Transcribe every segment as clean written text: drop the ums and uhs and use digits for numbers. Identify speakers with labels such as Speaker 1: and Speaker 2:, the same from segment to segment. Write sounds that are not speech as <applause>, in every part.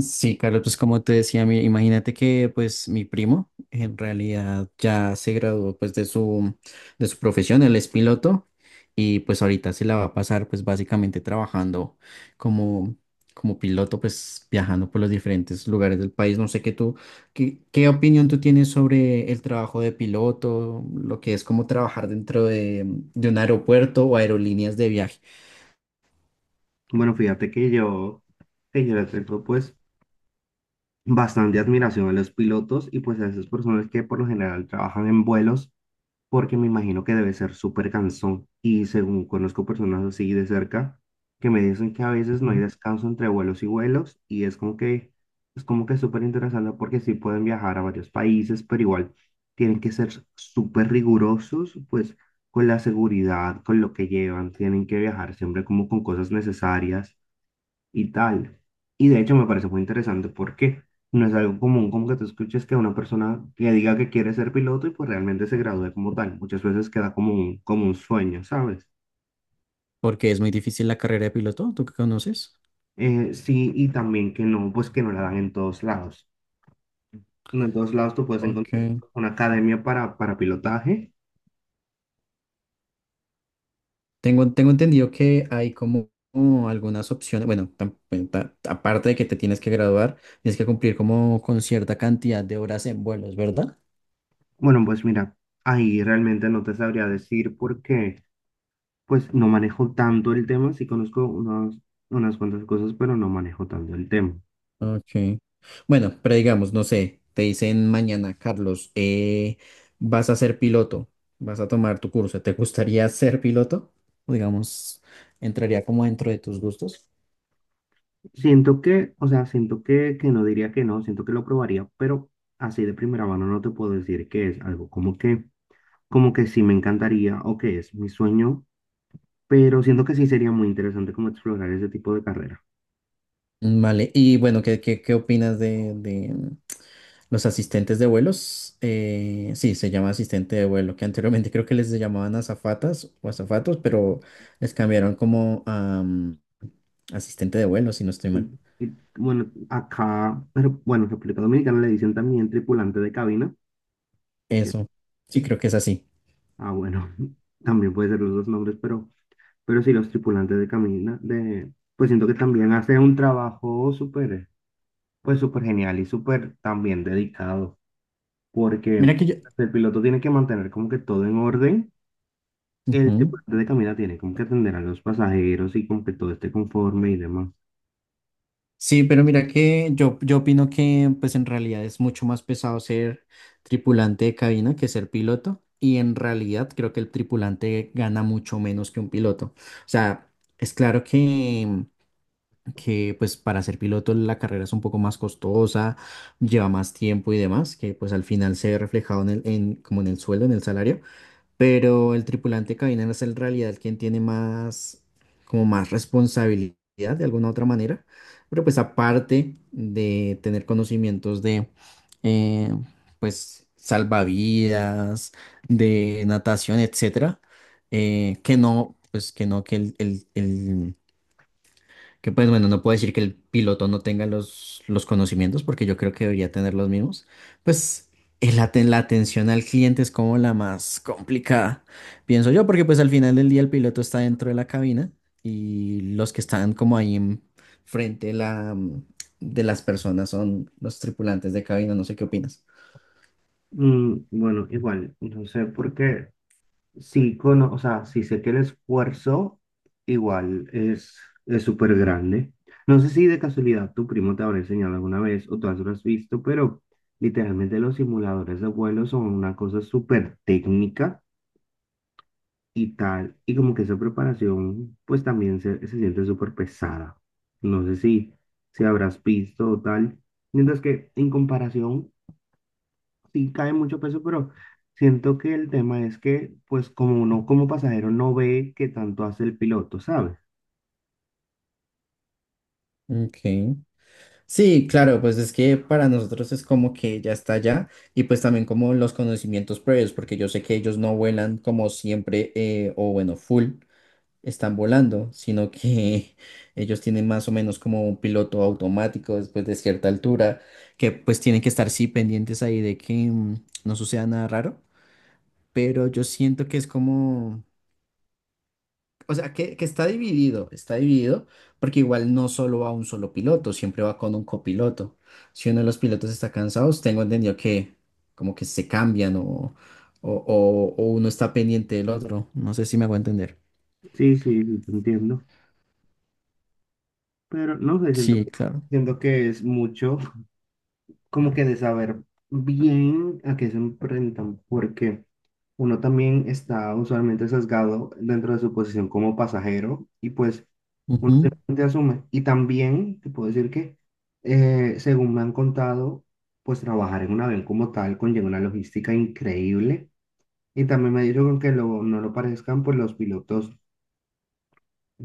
Speaker 1: Sí, Carlos, pues como te decía, imagínate que pues mi primo en realidad ya se graduó pues de su profesión, él es piloto y pues ahorita se la va a pasar pues básicamente trabajando como, como piloto pues viajando por los diferentes lugares del país. No sé qué opinión tú tienes sobre el trabajo de piloto, lo que es como trabajar dentro de un aeropuerto o aerolíneas de viaje.
Speaker 2: Bueno, fíjate que que yo le tengo pues bastante admiración a los pilotos y pues a esas personas que por lo general trabajan en vuelos porque me imagino que debe ser súper cansón y según conozco personas así de cerca que me dicen que a veces no hay
Speaker 1: Ujú.
Speaker 2: descanso entre vuelos y vuelos y es como que súper interesante porque sí pueden viajar a varios países pero igual tienen que ser súper rigurosos pues con la seguridad, con lo que llevan, tienen que viajar siempre como con cosas necesarias y tal. Y de hecho me parece muy interesante porque no es algo común como que tú escuches que una persona que diga que quiere ser piloto y pues realmente se gradúe como tal. Muchas veces queda como como un sueño, ¿sabes?
Speaker 1: Porque es muy difícil la carrera de piloto, ¿tú qué conoces?
Speaker 2: Sí, y también que no, pues que no la dan en todos lados. No, en todos lados tú puedes encontrar
Speaker 1: Ok.
Speaker 2: una academia para pilotaje.
Speaker 1: Tengo entendido que hay como algunas opciones, aparte de que te tienes que graduar, tienes que cumplir como con cierta cantidad de horas en vuelos, ¿verdad?
Speaker 2: Bueno, pues mira, ahí realmente no te sabría decir porque pues no manejo tanto el tema, sí conozco unas cuantas cosas, pero no manejo tanto el tema.
Speaker 1: Ok. Bueno, pero digamos, no sé, te dicen mañana, Carlos, vas a ser piloto, vas a tomar tu curso, ¿te gustaría <laughs> ser piloto? O digamos, entraría como dentro de tus gustos.
Speaker 2: Siento que, o sea, siento que no diría que no, siento que lo probaría, pero así de primera mano no te puedo decir que es algo como que sí me encantaría o que es mi sueño, pero siento que sí sería muy interesante como explorar ese tipo de carrera.
Speaker 1: Vale, y bueno, ¿qué opinas de los asistentes de vuelos? Eh, sí, se llama asistente de vuelo, que anteriormente creo que les llamaban azafatas o azafatos, pero les cambiaron como a asistente de vuelo, si no estoy
Speaker 2: Y,
Speaker 1: mal.
Speaker 2: y, bueno, acá, pero bueno, en República Dominicana le dicen también tripulante de cabina, que,
Speaker 1: Eso, sí, creo que es así.
Speaker 2: ah, bueno, <laughs> también puede ser los dos nombres, pero sí los tripulantes de cabina, de, pues siento que también hacen un trabajo súper, pues súper genial y súper también dedicado. Porque
Speaker 1: Mira que yo...
Speaker 2: el piloto tiene que mantener como que todo en orden. El
Speaker 1: Ujú.
Speaker 2: tripulante de cabina tiene como que atender a los pasajeros y como que todo esté conforme y demás.
Speaker 1: Sí, pero mira que yo opino que pues en realidad es mucho más pesado ser tripulante de cabina que ser piloto, y en realidad creo que el tripulante gana mucho menos que un piloto. O sea, es claro que pues para ser piloto la carrera es un poco más costosa, lleva más tiempo y demás, que pues al final se ve reflejado como en el sueldo, en el salario, pero el tripulante de cabina es en realidad quien tiene más, como más responsabilidad de alguna otra manera, pero pues aparte de tener conocimientos de, eh, pues, salvavidas, de natación, etcétera, que no, pues que no, que el- que pues bueno, no puedo decir que el piloto no tenga los conocimientos, porque yo creo que debería tener los mismos. Pues la atención al cliente es como la más complicada, pienso yo, porque pues al final del día el piloto está dentro de la cabina, y los que están como ahí en frente de las personas son los tripulantes de cabina. No sé qué opinas.
Speaker 2: Bueno, igual, no sé por qué, sí, o sea, sí sé que el esfuerzo igual es súper grande. No sé si de casualidad tu primo te habrá enseñado alguna vez o tú lo has visto, pero literalmente los simuladores de vuelo son una cosa súper técnica y tal. Y como que esa preparación, pues también se siente súper pesada. No sé si, si habrás visto o tal. Mientras que en comparación, sí cae mucho peso, pero siento que el tema es que, pues como uno como pasajero no ve que tanto hace el piloto, ¿sabes?
Speaker 1: Ok. Sí, claro, pues es que para nosotros es como que ya está allá, y pues también como los conocimientos previos, porque yo sé que ellos no vuelan como siempre, o bueno, full están volando, sino que <laughs> ellos tienen más o menos como un piloto automático después de cierta altura, que pues tienen que estar sí pendientes ahí de que no suceda nada raro, pero yo siento que es como... O sea, que está dividido, porque igual no solo va un solo piloto, siempre va con un copiloto. Si uno de los pilotos está cansado, pues tengo entendido que como que se cambian o uno está pendiente del otro. No sé si me hago entender.
Speaker 2: Sí, sí, sí, te entiendo. Pero no sé, siento,
Speaker 1: Sí, claro.
Speaker 2: siento que es mucho como que de saber bien a qué se enfrentan, porque uno también está usualmente sesgado dentro de su posición como pasajero y pues uno
Speaker 1: Ujú,
Speaker 2: simplemente asume. Y también te puedo decir que, según me han contado, pues trabajar en un avión como tal conlleva una logística increíble y también me han dicho que no lo parezcan, pues los pilotos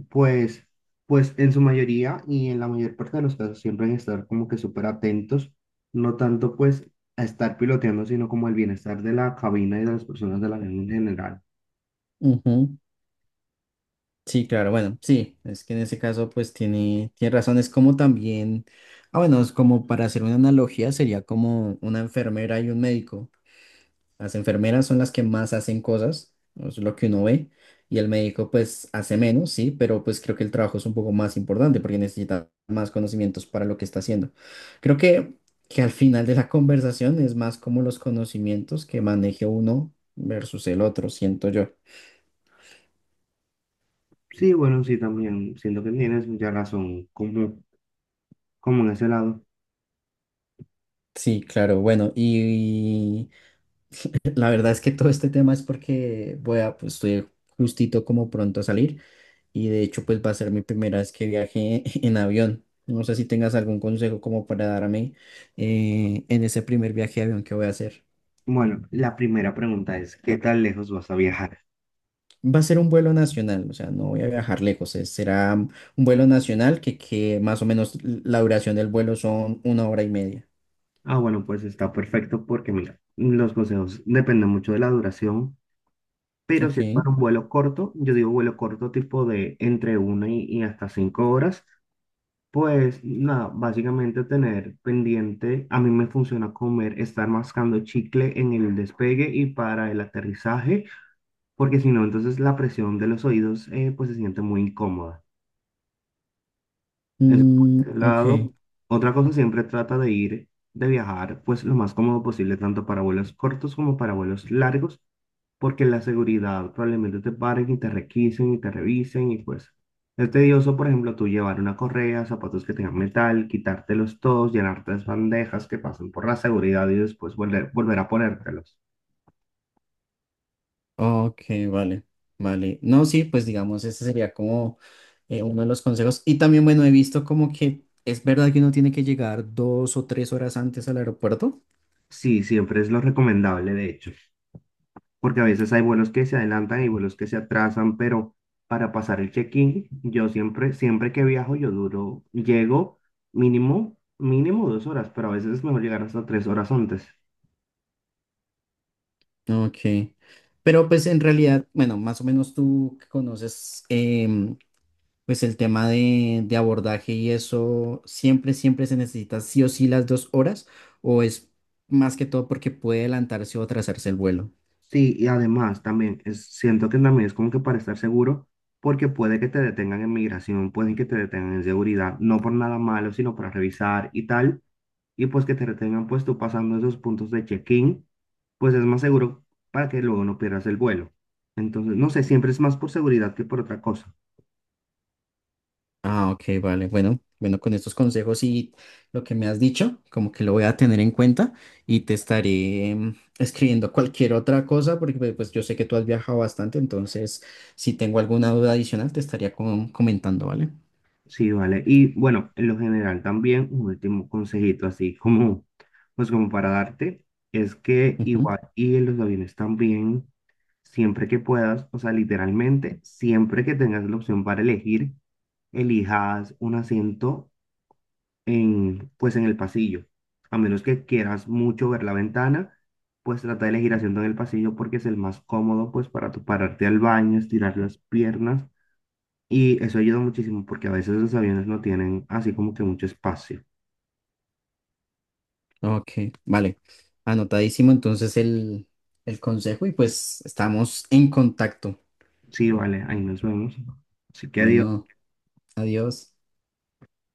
Speaker 2: pues, pues en su mayoría y en la mayor parte de los casos siempre hay que estar como que súper atentos, no tanto pues a estar piloteando, sino como el bienestar de la cabina y de las personas de la avión en general.
Speaker 1: ujú. Sí, claro, bueno, sí, es que en ese caso pues tiene, tiene razón, es como también, ah bueno, es como para hacer una analogía, sería como una enfermera y un médico. Las enfermeras son las que más hacen cosas, ¿no? Eso es lo que uno ve, y el médico pues hace menos, sí, pero pues creo que el trabajo es un poco más importante porque necesita más conocimientos para lo que está haciendo. Creo que al final de la <laughs> conversación es más como los conocimientos que maneje uno versus el otro, siento yo.
Speaker 2: Sí, bueno, sí, también siento que tienes mucha razón como en ese lado.
Speaker 1: Sí, claro, bueno, y la verdad es que todo este tema es porque voy a, pues estoy justito como pronto a salir, y de hecho pues va a ser mi primera vez que viaje <laughs> en avión. No sé si tengas algún consejo como para darme, en ese primer viaje de avión que voy a hacer.
Speaker 2: Bueno, la primera pregunta es, ¿qué tan lejos vas a viajar?
Speaker 1: Va a ser un vuelo nacional, o sea, no voy a viajar lejos, será un vuelo nacional que más o menos la duración del vuelo son 1 hora y media.
Speaker 2: Ah, bueno, pues está perfecto porque mira, los consejos dependen mucho de la duración, pero
Speaker 1: Ok.
Speaker 2: si es para un vuelo corto, yo digo vuelo corto tipo de entre una y hasta 5 horas. Pues nada, básicamente tener pendiente, a mí me funciona comer, estar mascando chicle en el despegue y para el aterrizaje, porque si no, entonces la presión de los oídos pues se siente muy incómoda. Eso
Speaker 1: Mm,
Speaker 2: por ese
Speaker 1: ok.
Speaker 2: lado. Otra cosa, siempre trata de ir, de viajar, pues lo más cómodo posible, tanto para vuelos cortos como para vuelos largos, porque la seguridad probablemente te paren y te requisen y te revisen y pues es tedioso, por ejemplo, tú llevar una correa, zapatos que tengan metal, quitártelos todos, llenar tres bandejas que pasen por la seguridad y después volver a ponértelos.
Speaker 1: Ok, vale, vale. No, sí, pues digamos, ese sería como, uno de los consejos. Y también, bueno, he visto como que es verdad que uno tiene que llegar 2 o 3 horas antes al aeropuerto.
Speaker 2: Sí, siempre es lo recomendable, de hecho. Porque a veces hay vuelos que se adelantan y vuelos que se atrasan, pero para pasar el check-in, yo siempre, siempre que viajo, yo duro, llego mínimo, mínimo 2 horas, pero a veces es mejor llegar hasta 3 horas antes.
Speaker 1: Ok. Pero pues en realidad, bueno, más o menos tú que conoces, em, pues el tema de abordaje y eso, siempre, siempre se necesita sí o sí las 2 horas, o es más que todo porque puede adelantarse o atrasarse el vuelo.
Speaker 2: Sí, y además también es, siento que también es como que para estar seguro, porque puede que te detengan en migración, pueden que te detengan en seguridad, no por nada malo, sino para revisar y tal. Y pues que te retengan pues tú pasando esos puntos de check-in, pues es más seguro para que luego no pierdas el vuelo. Entonces, no sé, siempre es más por seguridad que por otra cosa.
Speaker 1: Ah, ok, vale. Bueno, bueno, con estos consejos y lo que me has dicho, como que lo voy a tener en cuenta y te estaré, em, escribiendo cualquier otra cosa, porque yo sé que tú has viajado bastante, entonces si tengo alguna duda adicional te estaría comentando, ¿vale?
Speaker 2: Sí, vale. Y bueno, en lo general también un último consejito así como, pues como para darte, es que
Speaker 1: Ujú.
Speaker 2: igual y en los aviones también, siempre que puedas, o sea, literalmente, siempre que tengas la opción para elegir, elijas un asiento en, pues en el pasillo. A menos que quieras mucho ver la ventana, pues trata de elegir asiento en el pasillo porque es el más cómodo, pues para tu pararte al baño, estirar las piernas. Y eso ayuda muchísimo porque a veces los aviones no tienen así como que mucho espacio.
Speaker 1: Ok, vale. Anotadísimo entonces el consejo, y pues estamos en contacto.
Speaker 2: Sí, vale, ahí nos vemos. Así que adiós.
Speaker 1: Bueno, adiós.